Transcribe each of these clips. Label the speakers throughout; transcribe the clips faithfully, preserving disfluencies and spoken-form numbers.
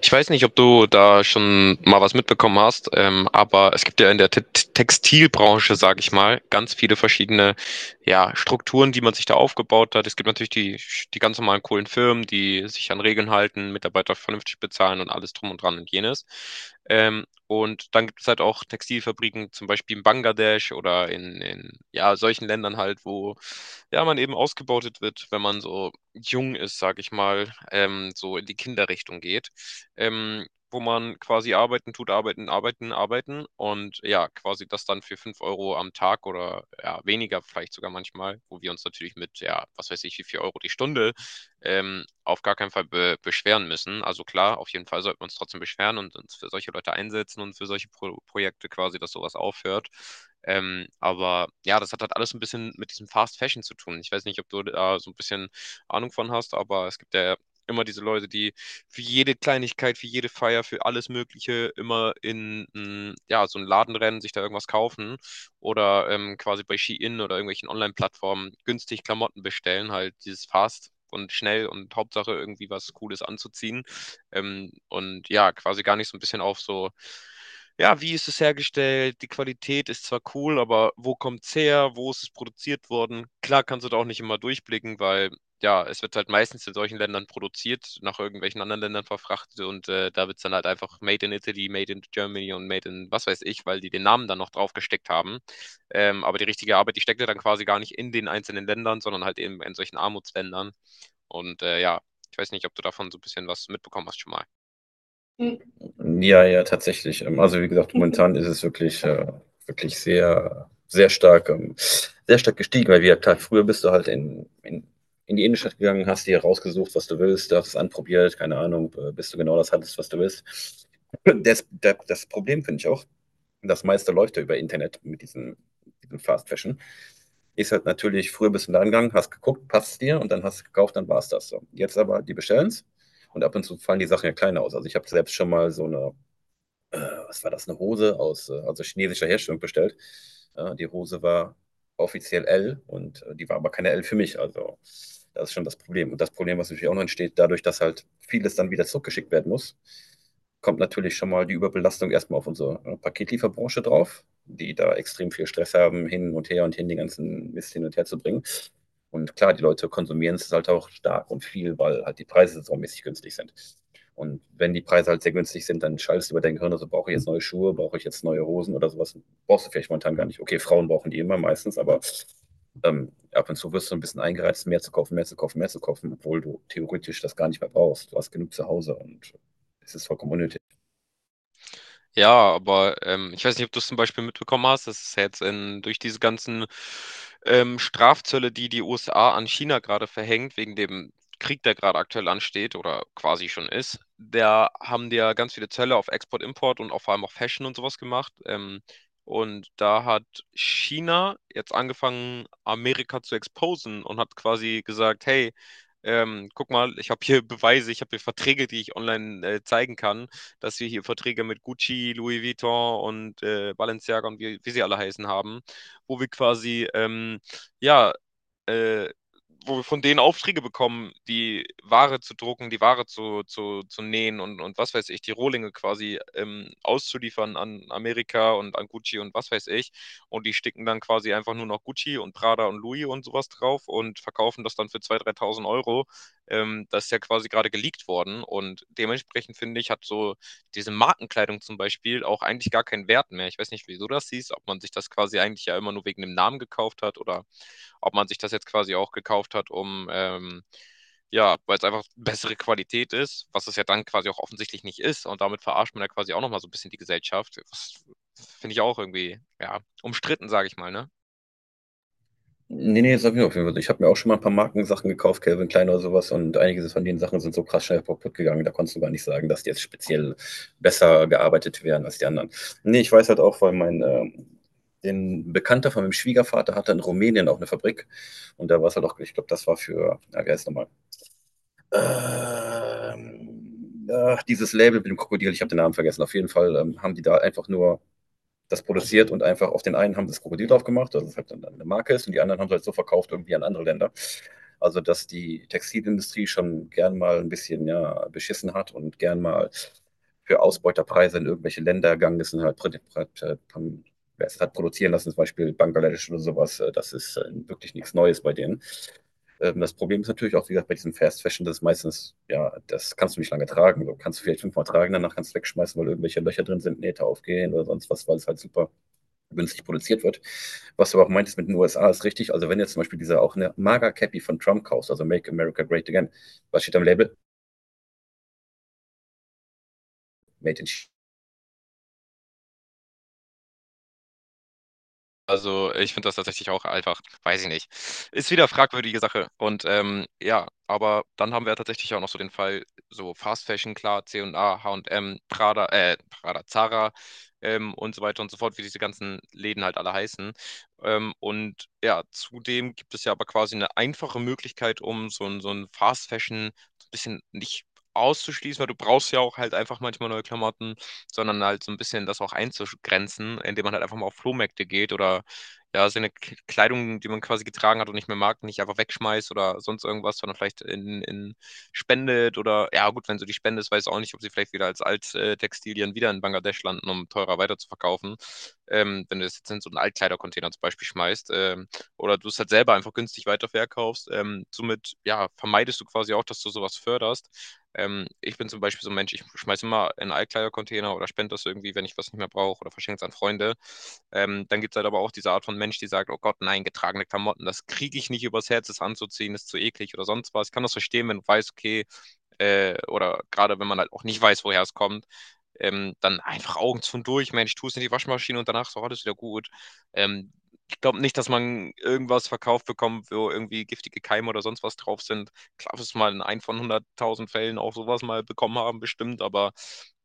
Speaker 1: Ich weiß nicht, ob du da schon mal was mitbekommen hast, ähm, aber es gibt ja in der Te Textilbranche, sage ich mal, ganz viele verschiedene ja, Strukturen, die man sich da aufgebaut hat. Es gibt natürlich die, die ganz normalen coolen Firmen, die sich an Regeln halten, Mitarbeiter vernünftig bezahlen und alles drum und dran und jenes. Ähm, und dann gibt es halt auch Textilfabriken, zum Beispiel in Bangladesch oder in, in ja, solchen Ländern halt, wo ja, man eben ausgebeutet wird, wenn man so jung ist, sage ich mal, ähm, so in die Kinderrichtung geht, ähm, wo man quasi arbeiten tut, arbeiten, arbeiten, arbeiten und ja, quasi das dann für fünf Euro am Tag oder ja, weniger vielleicht sogar manchmal, wo wir uns natürlich mit, ja, was weiß ich, wie viel Euro die Stunde ähm, auf gar keinen Fall be beschweren müssen. Also klar, auf jeden Fall sollten wir uns trotzdem beschweren und uns für solche Leute einsetzen und für solche Pro Projekte quasi, dass sowas aufhört. Ähm, aber ja, das hat halt alles ein bisschen mit diesem Fast Fashion zu tun. Ich weiß nicht, ob du da so ein bisschen Ahnung von hast, aber es gibt ja immer diese Leute, die für jede Kleinigkeit, für jede Feier, für alles Mögliche immer in mm, ja, so einen Laden rennen, sich da irgendwas kaufen oder ähm, quasi bei Shein oder irgendwelchen Online-Plattformen günstig Klamotten bestellen, halt dieses Fast und schnell und Hauptsache irgendwie was Cooles anzuziehen. Ähm, und ja, quasi gar nicht so ein bisschen auf so, ja, wie ist es hergestellt? Die Qualität ist zwar cool, aber wo kommt's her? Wo ist es produziert worden? Klar kannst du da auch nicht immer durchblicken, weil ja, es wird halt meistens in solchen Ländern produziert, nach irgendwelchen anderen Ländern verfrachtet und äh, da wird es dann halt einfach Made in Italy, Made in Germany und Made in was weiß ich, weil die den Namen dann noch drauf gesteckt haben. Ähm, aber die richtige Arbeit, die steckt ja dann quasi gar nicht in den einzelnen Ländern, sondern halt eben in solchen Armutsländern. Und äh, ja, ich weiß nicht, ob du davon so ein bisschen was mitbekommen hast schon mal.
Speaker 2: Mhm. Ja, ja, tatsächlich. Ähm, also, wie gesagt, momentan ist es wirklich, äh, wirklich sehr, sehr stark, ähm, sehr stark gestiegen, weil, wie ja klar, früher bist du halt in, in, in die Innenstadt gegangen, hast dir rausgesucht, was du willst, hast es anprobiert, keine Ahnung, äh, bis du genau das hattest, was du willst. Das, das, das Problem finde ich auch, das meiste läuft ja über Internet mit diesem, diesem Fast Fashion. Ist halt natürlich, früher bist du da gegangen, hast geguckt, passt dir und dann hast du gekauft, dann war es das so. Jetzt aber, die bestellen es und ab und zu fallen die Sachen ja kleiner aus. Also ich habe selbst schon mal so eine äh, was war das, eine Hose aus, äh, also chinesischer Herstellung bestellt. Äh, die Hose war offiziell L und äh, die war aber keine L für mich. Also das ist schon das Problem. Und das Problem, was natürlich auch noch entsteht, dadurch, dass halt vieles dann wieder zurückgeschickt werden muss, kommt natürlich schon mal die Überbelastung erstmal auf unsere äh, Paketlieferbranche drauf, die da extrem viel Stress haben, hin und her und hin den ganzen Mist hin und her zu bringen. Und klar, die Leute konsumieren es halt auch stark und viel, weil halt die Preise saumäßig günstig sind. Und wenn die Preise halt sehr günstig sind, dann schaltest du über dein Gehirn, also brauche ich jetzt neue Schuhe, brauche ich jetzt neue Hosen oder sowas. Brauchst du vielleicht momentan gar nicht. Okay, Frauen brauchen die immer meistens, aber ähm, ab und zu wirst du ein bisschen eingereizt, mehr zu kaufen, mehr zu kaufen, mehr zu kaufen, obwohl du theoretisch das gar nicht mehr brauchst. Du hast genug zu Hause und es ist vollkommen unnötig.
Speaker 1: Ja, aber ähm, ich weiß nicht, ob du es zum Beispiel mitbekommen hast, dass es jetzt in, durch diese ganzen ähm, Strafzölle, die die U S A an China gerade verhängt, wegen dem Krieg, der gerade aktuell ansteht oder quasi schon ist, da haben die ja ganz viele Zölle auf Export, Import und auch vor allem auf Fashion und sowas gemacht. Ähm, und da hat China jetzt angefangen, Amerika zu exposen und hat quasi gesagt, hey, ähm, guck mal, ich habe hier Beweise, ich habe hier Verträge, die ich online äh, zeigen kann, dass wir hier Verträge mit Gucci, Louis Vuitton und äh, Balenciaga und wie, wie sie alle heißen haben, wo wir quasi ähm, ja äh, wo wir von denen Aufträge bekommen, die Ware zu drucken, die Ware zu, zu, zu nähen und, und was weiß ich, die Rohlinge quasi ähm, auszuliefern an Amerika und an Gucci und was weiß ich. Und die sticken dann quasi einfach nur noch Gucci und Prada und Louis und sowas drauf und verkaufen das dann für zweitausend, dreitausend Euro. Ähm, das ist ja quasi gerade geleakt worden. Und dementsprechend finde ich, hat so diese Markenkleidung zum Beispiel auch eigentlich gar keinen Wert mehr. Ich weiß nicht, wieso das hieß, ob man sich das quasi eigentlich ja immer nur wegen dem Namen gekauft hat oder ob man sich das jetzt quasi auch gekauft hat, um ähm, ja, weil es einfach bessere Qualität ist, was es ja dann quasi auch offensichtlich nicht ist. Und damit verarscht man ja quasi auch nochmal so ein bisschen die Gesellschaft. Das finde ich auch irgendwie, ja, umstritten, sage ich mal, ne?
Speaker 2: Nee, nee, sag ich auf jeden Fall. Ich habe mir auch schon mal ein paar Markensachen gekauft, Calvin Klein oder sowas, und einige von den Sachen sind so krass schnell kaputt gegangen, da konntest du gar nicht sagen, dass die jetzt speziell besser gearbeitet werden als die anderen. Nee, ich weiß halt auch, weil mein, ähm, den Bekannter von meinem Schwiegervater hatte in Rumänien auch eine Fabrik und da war es halt auch, ich glaube, das war für, ja, wie heißt es nochmal? Ähm, ach, dieses Label mit dem Krokodil, ich habe den Namen vergessen. Auf jeden Fall ähm, haben die da einfach nur das produziert und einfach auf den einen haben das Krokodil drauf gemacht, dass es halt dann eine Marke ist und die anderen haben es halt so verkauft irgendwie an andere Länder. Also dass die Textilindustrie schon gern mal ein bisschen ja, beschissen hat und gern mal für Ausbeuterpreise in irgendwelche Länder gegangen ist und halt, wer produzieren lassen, zum Beispiel Bangladesch oder sowas, äh, das ist äh, wirklich nichts Neues bei denen. Ähm, Das Problem ist natürlich auch, wie gesagt, bei diesem Fast Fashion, das ist meistens, ja, das kannst du nicht lange tragen. Du kannst du vielleicht fünfmal tragen, danach kannst du wegschmeißen, weil irgendwelche Löcher drin sind, Nähte aufgehen oder sonst was, weil es halt super günstig produziert wird. Was du aber auch meintest mit den U S A ist richtig. Also wenn jetzt zum Beispiel dieser auch eine Maga Cappy von Trump kaufst, also Make America Great Again, was steht am Label? Made in China.
Speaker 1: Also, ich finde das tatsächlich auch einfach weiß ich nicht. Ist wieder fragwürdige Sache und, ähm, ja, aber dann haben wir ja tatsächlich auch noch so den Fall, so Fast Fashion, klar, C und C und A, H und M, Prada äh, Prada, Zara, ähm, und so weiter und so fort, wie diese ganzen Läden halt alle heißen. Ähm, und ja, zudem gibt es ja aber quasi eine einfache Möglichkeit, um so ein so ein Fast Fashion so 'n bisschen nicht auszuschließen, weil du brauchst ja auch halt einfach manchmal neue Klamotten, sondern halt so ein bisschen das auch einzugrenzen, indem man halt einfach mal auf Flohmärkte geht oder ja, seine K- Kleidung, die man quasi getragen hat und nicht mehr mag, nicht einfach wegschmeißt oder sonst irgendwas, sondern vielleicht in, in spendet oder ja gut, wenn so die Spende ist, weiß ich auch nicht, ob sie vielleicht wieder als Alttextilien wieder in Bangladesch landen, um teurer weiterzuverkaufen. Ähm, wenn du das jetzt in so einen Altkleidercontainer zum Beispiel schmeißt, ähm, oder du es halt selber einfach günstig weiterverkaufst. Ähm, somit ja, vermeidest du quasi auch, dass du sowas förderst. Ähm, ich bin zum Beispiel so ein Mensch, ich schmeiße immer in einen Altkleidercontainer oder spende das irgendwie, wenn ich was nicht mehr brauche oder verschenke es an Freunde. Ähm, dann gibt es halt aber auch diese Art von Mensch, die sagt, oh Gott, nein, getragene Klamotten, das kriege ich nicht übers Herz, das anzuziehen, ist zu eklig oder sonst was. Ich kann das verstehen, wenn du weißt, okay, äh, oder gerade wenn man halt auch nicht weiß, woher es kommt, ähm, dann einfach Augen zu und durch, Mensch, tu es in die Waschmaschine und danach ist auch alles wieder gut. Ähm, ich glaube nicht, dass man irgendwas verkauft bekommt, wo irgendwie giftige Keime oder sonst was drauf sind. Klar, es mal in ein von hunderttausend Fällen auch sowas mal bekommen haben, bestimmt, aber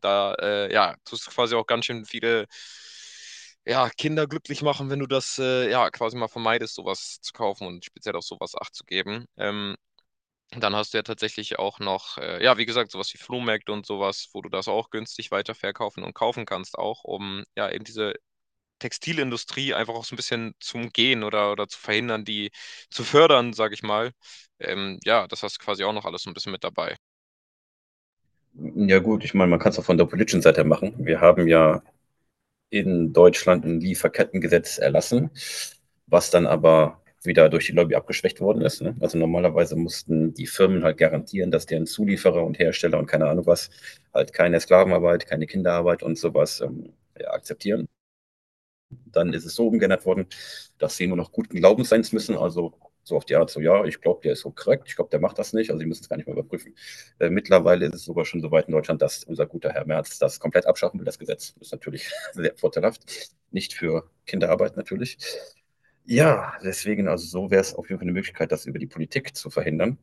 Speaker 1: da, äh, ja, tust du quasi auch ganz schön viele ja, Kinder glücklich machen, wenn du das äh, ja quasi mal vermeidest, sowas zu kaufen und speziell auf sowas Acht zu geben. Ähm, dann hast du ja tatsächlich auch noch, äh, ja, wie gesagt, so was wie Flohmärkte und sowas, wo du das auch günstig weiterverkaufen und kaufen kannst, auch um ja eben diese Textilindustrie einfach auch so ein bisschen zu umgehen oder oder zu verhindern, die zu fördern, sage ich mal. Ähm, ja, das hast du quasi auch noch alles so ein bisschen mit dabei.
Speaker 2: Ja gut, ich meine, man kann es auch von der politischen Seite machen. Wir haben ja in Deutschland ein Lieferkettengesetz erlassen, was dann aber wieder durch die Lobby abgeschwächt worden ist. Ne? Also normalerweise mussten die Firmen halt garantieren, dass deren Zulieferer und Hersteller und keine Ahnung was halt keine Sklavenarbeit, keine Kinderarbeit und sowas ähm, ja, akzeptieren. Dann ist es so umgeändert worden, dass sie nur noch guten Glaubens sein müssen. Also so auf die Art, so ja, ich glaube, der ist so korrekt, ich glaube, der macht das nicht, also sie müssen es gar nicht mehr überprüfen. Äh, mittlerweile ist es sogar schon so weit in Deutschland, dass unser guter Herr Merz das komplett abschaffen will, das Gesetz. Ist natürlich sehr vorteilhaft. Nicht für Kinderarbeit natürlich. Ja, deswegen, also so wäre es auf jeden Fall eine Möglichkeit, das über die Politik zu verhindern.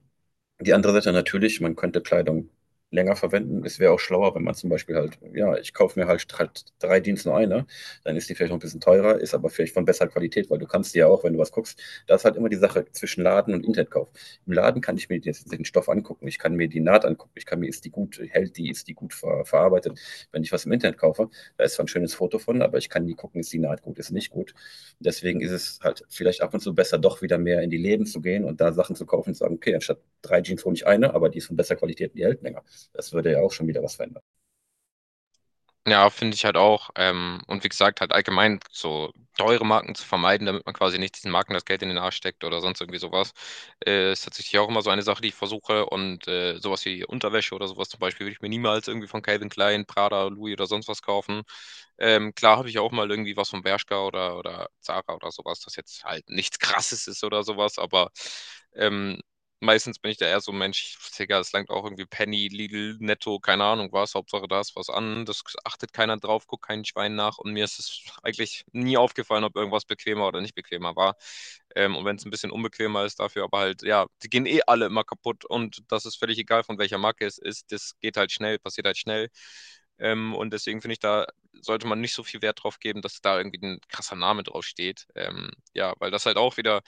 Speaker 2: Die andere Seite natürlich, man könnte Kleidung länger verwenden. Es wäre auch schlauer, wenn man zum Beispiel halt, ja, ich kaufe mir halt drei- drei Jeans nur eine, dann ist die vielleicht noch ein bisschen teurer, ist aber vielleicht von besserer Qualität, weil du kannst die ja auch, wenn du was guckst, das ist halt immer die Sache zwischen Laden und Internetkauf. Im Laden kann ich mir jetzt den Stoff angucken, ich kann mir die Naht angucken, ich kann mir, ist die gut, hält die, ist die gut ver verarbeitet. Wenn ich was im Internet kaufe, da ist zwar ein schönes Foto von, aber ich kann nie gucken, ist die Naht gut, ist nicht gut. Deswegen ist es halt vielleicht ab und zu besser, doch wieder mehr in die Läden zu gehen und da Sachen zu kaufen und zu sagen, okay, anstatt drei Jeans hole ich eine, aber die ist von besser Qualität und die hält länger. Das würde ja auch schon wieder was verändern.
Speaker 1: Ja, finde ich halt auch. Ähm, und wie gesagt, halt allgemein so teure Marken zu vermeiden, damit man quasi nicht diesen Marken das Geld in den Arsch steckt oder sonst irgendwie sowas, äh, ist tatsächlich auch immer so eine Sache, die ich versuche. Und äh, sowas wie Unterwäsche oder sowas zum Beispiel würde ich mir niemals irgendwie von Calvin Klein, Prada, Louis oder sonst was kaufen. Ähm, klar habe ich auch mal irgendwie was von Bershka oder, oder Zara oder sowas, das jetzt halt nichts Krasses ist oder sowas, aber ähm, meistens bin ich da eher so, Mensch, Digga, es langt auch irgendwie Penny, Lidl, Netto, keine Ahnung was, Hauptsache da ist was an, das achtet keiner drauf, guckt kein Schwein nach und mir ist es eigentlich nie aufgefallen, ob irgendwas bequemer oder nicht bequemer war. Ähm, und wenn es ein bisschen unbequemer ist dafür, aber halt, ja, die gehen eh alle immer kaputt und das ist völlig egal, von welcher Marke es ist, das geht halt schnell, passiert halt schnell. Ähm, und deswegen finde ich, da sollte man nicht so viel Wert drauf geben, dass da irgendwie ein krasser Name drauf steht. Ähm, ja, weil das halt auch wieder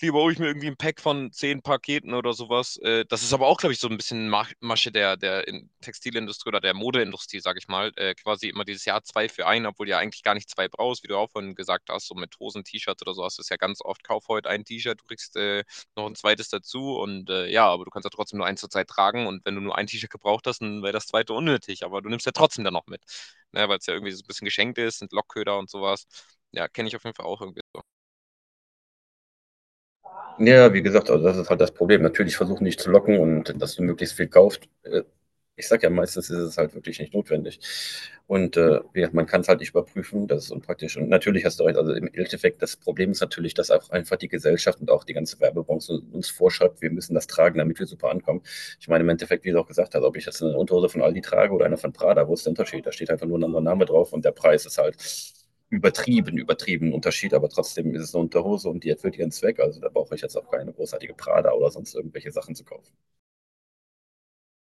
Speaker 1: lieber hole ich mir irgendwie ein Pack von zehn Paketen oder sowas. Äh, das ist aber auch, glaube ich, so ein bisschen Mach- Masche der, der in- Textilindustrie oder der Modeindustrie, sage ich mal. Äh, quasi immer dieses Jahr zwei für einen, obwohl du ja eigentlich gar nicht zwei brauchst, wie du auch vorhin gesagt hast, so mit Hosen, T-Shirts oder so hast du es ja ganz oft, kauf heute ein T-Shirt, du kriegst äh, noch ein zweites dazu und äh, ja, aber du kannst ja trotzdem nur eins zur Zeit tragen und wenn du nur ein T-Shirt gebraucht hast, dann wäre das zweite unnötig, aber du nimmst ja trotzdem dann noch mit, ne, weil es ja irgendwie so ein bisschen geschenkt ist, sind Lockköder und sowas. Ja, kenne ich auf jeden Fall auch irgendwie so.
Speaker 2: Ja, wie gesagt, also das ist halt das Problem. Natürlich versuchen nicht zu locken und dass du möglichst viel kaufst. Äh, Ich sage ja, meistens ist es halt wirklich nicht notwendig. Und äh, man kann es halt nicht überprüfen, das ist unpraktisch. Und natürlich hast du recht, also im Endeffekt, das Problem ist natürlich, dass auch einfach die Gesellschaft und auch die ganze Werbebranche uns vorschreibt, wir müssen das tragen, damit wir super ankommen. Ich meine, im Endeffekt, wie du auch gesagt hast, ob ich jetzt eine Unterhose von Aldi trage oder eine von Prada, wo ist der Unterschied? Da steht einfach nur ein anderer Name drauf und der Preis ist halt übertrieben, übertrieben Unterschied, aber trotzdem ist es eine Unterhose und die erfüllt ihren Zweck. Also da brauche ich jetzt auch keine großartige Prada oder sonst irgendwelche Sachen zu kaufen.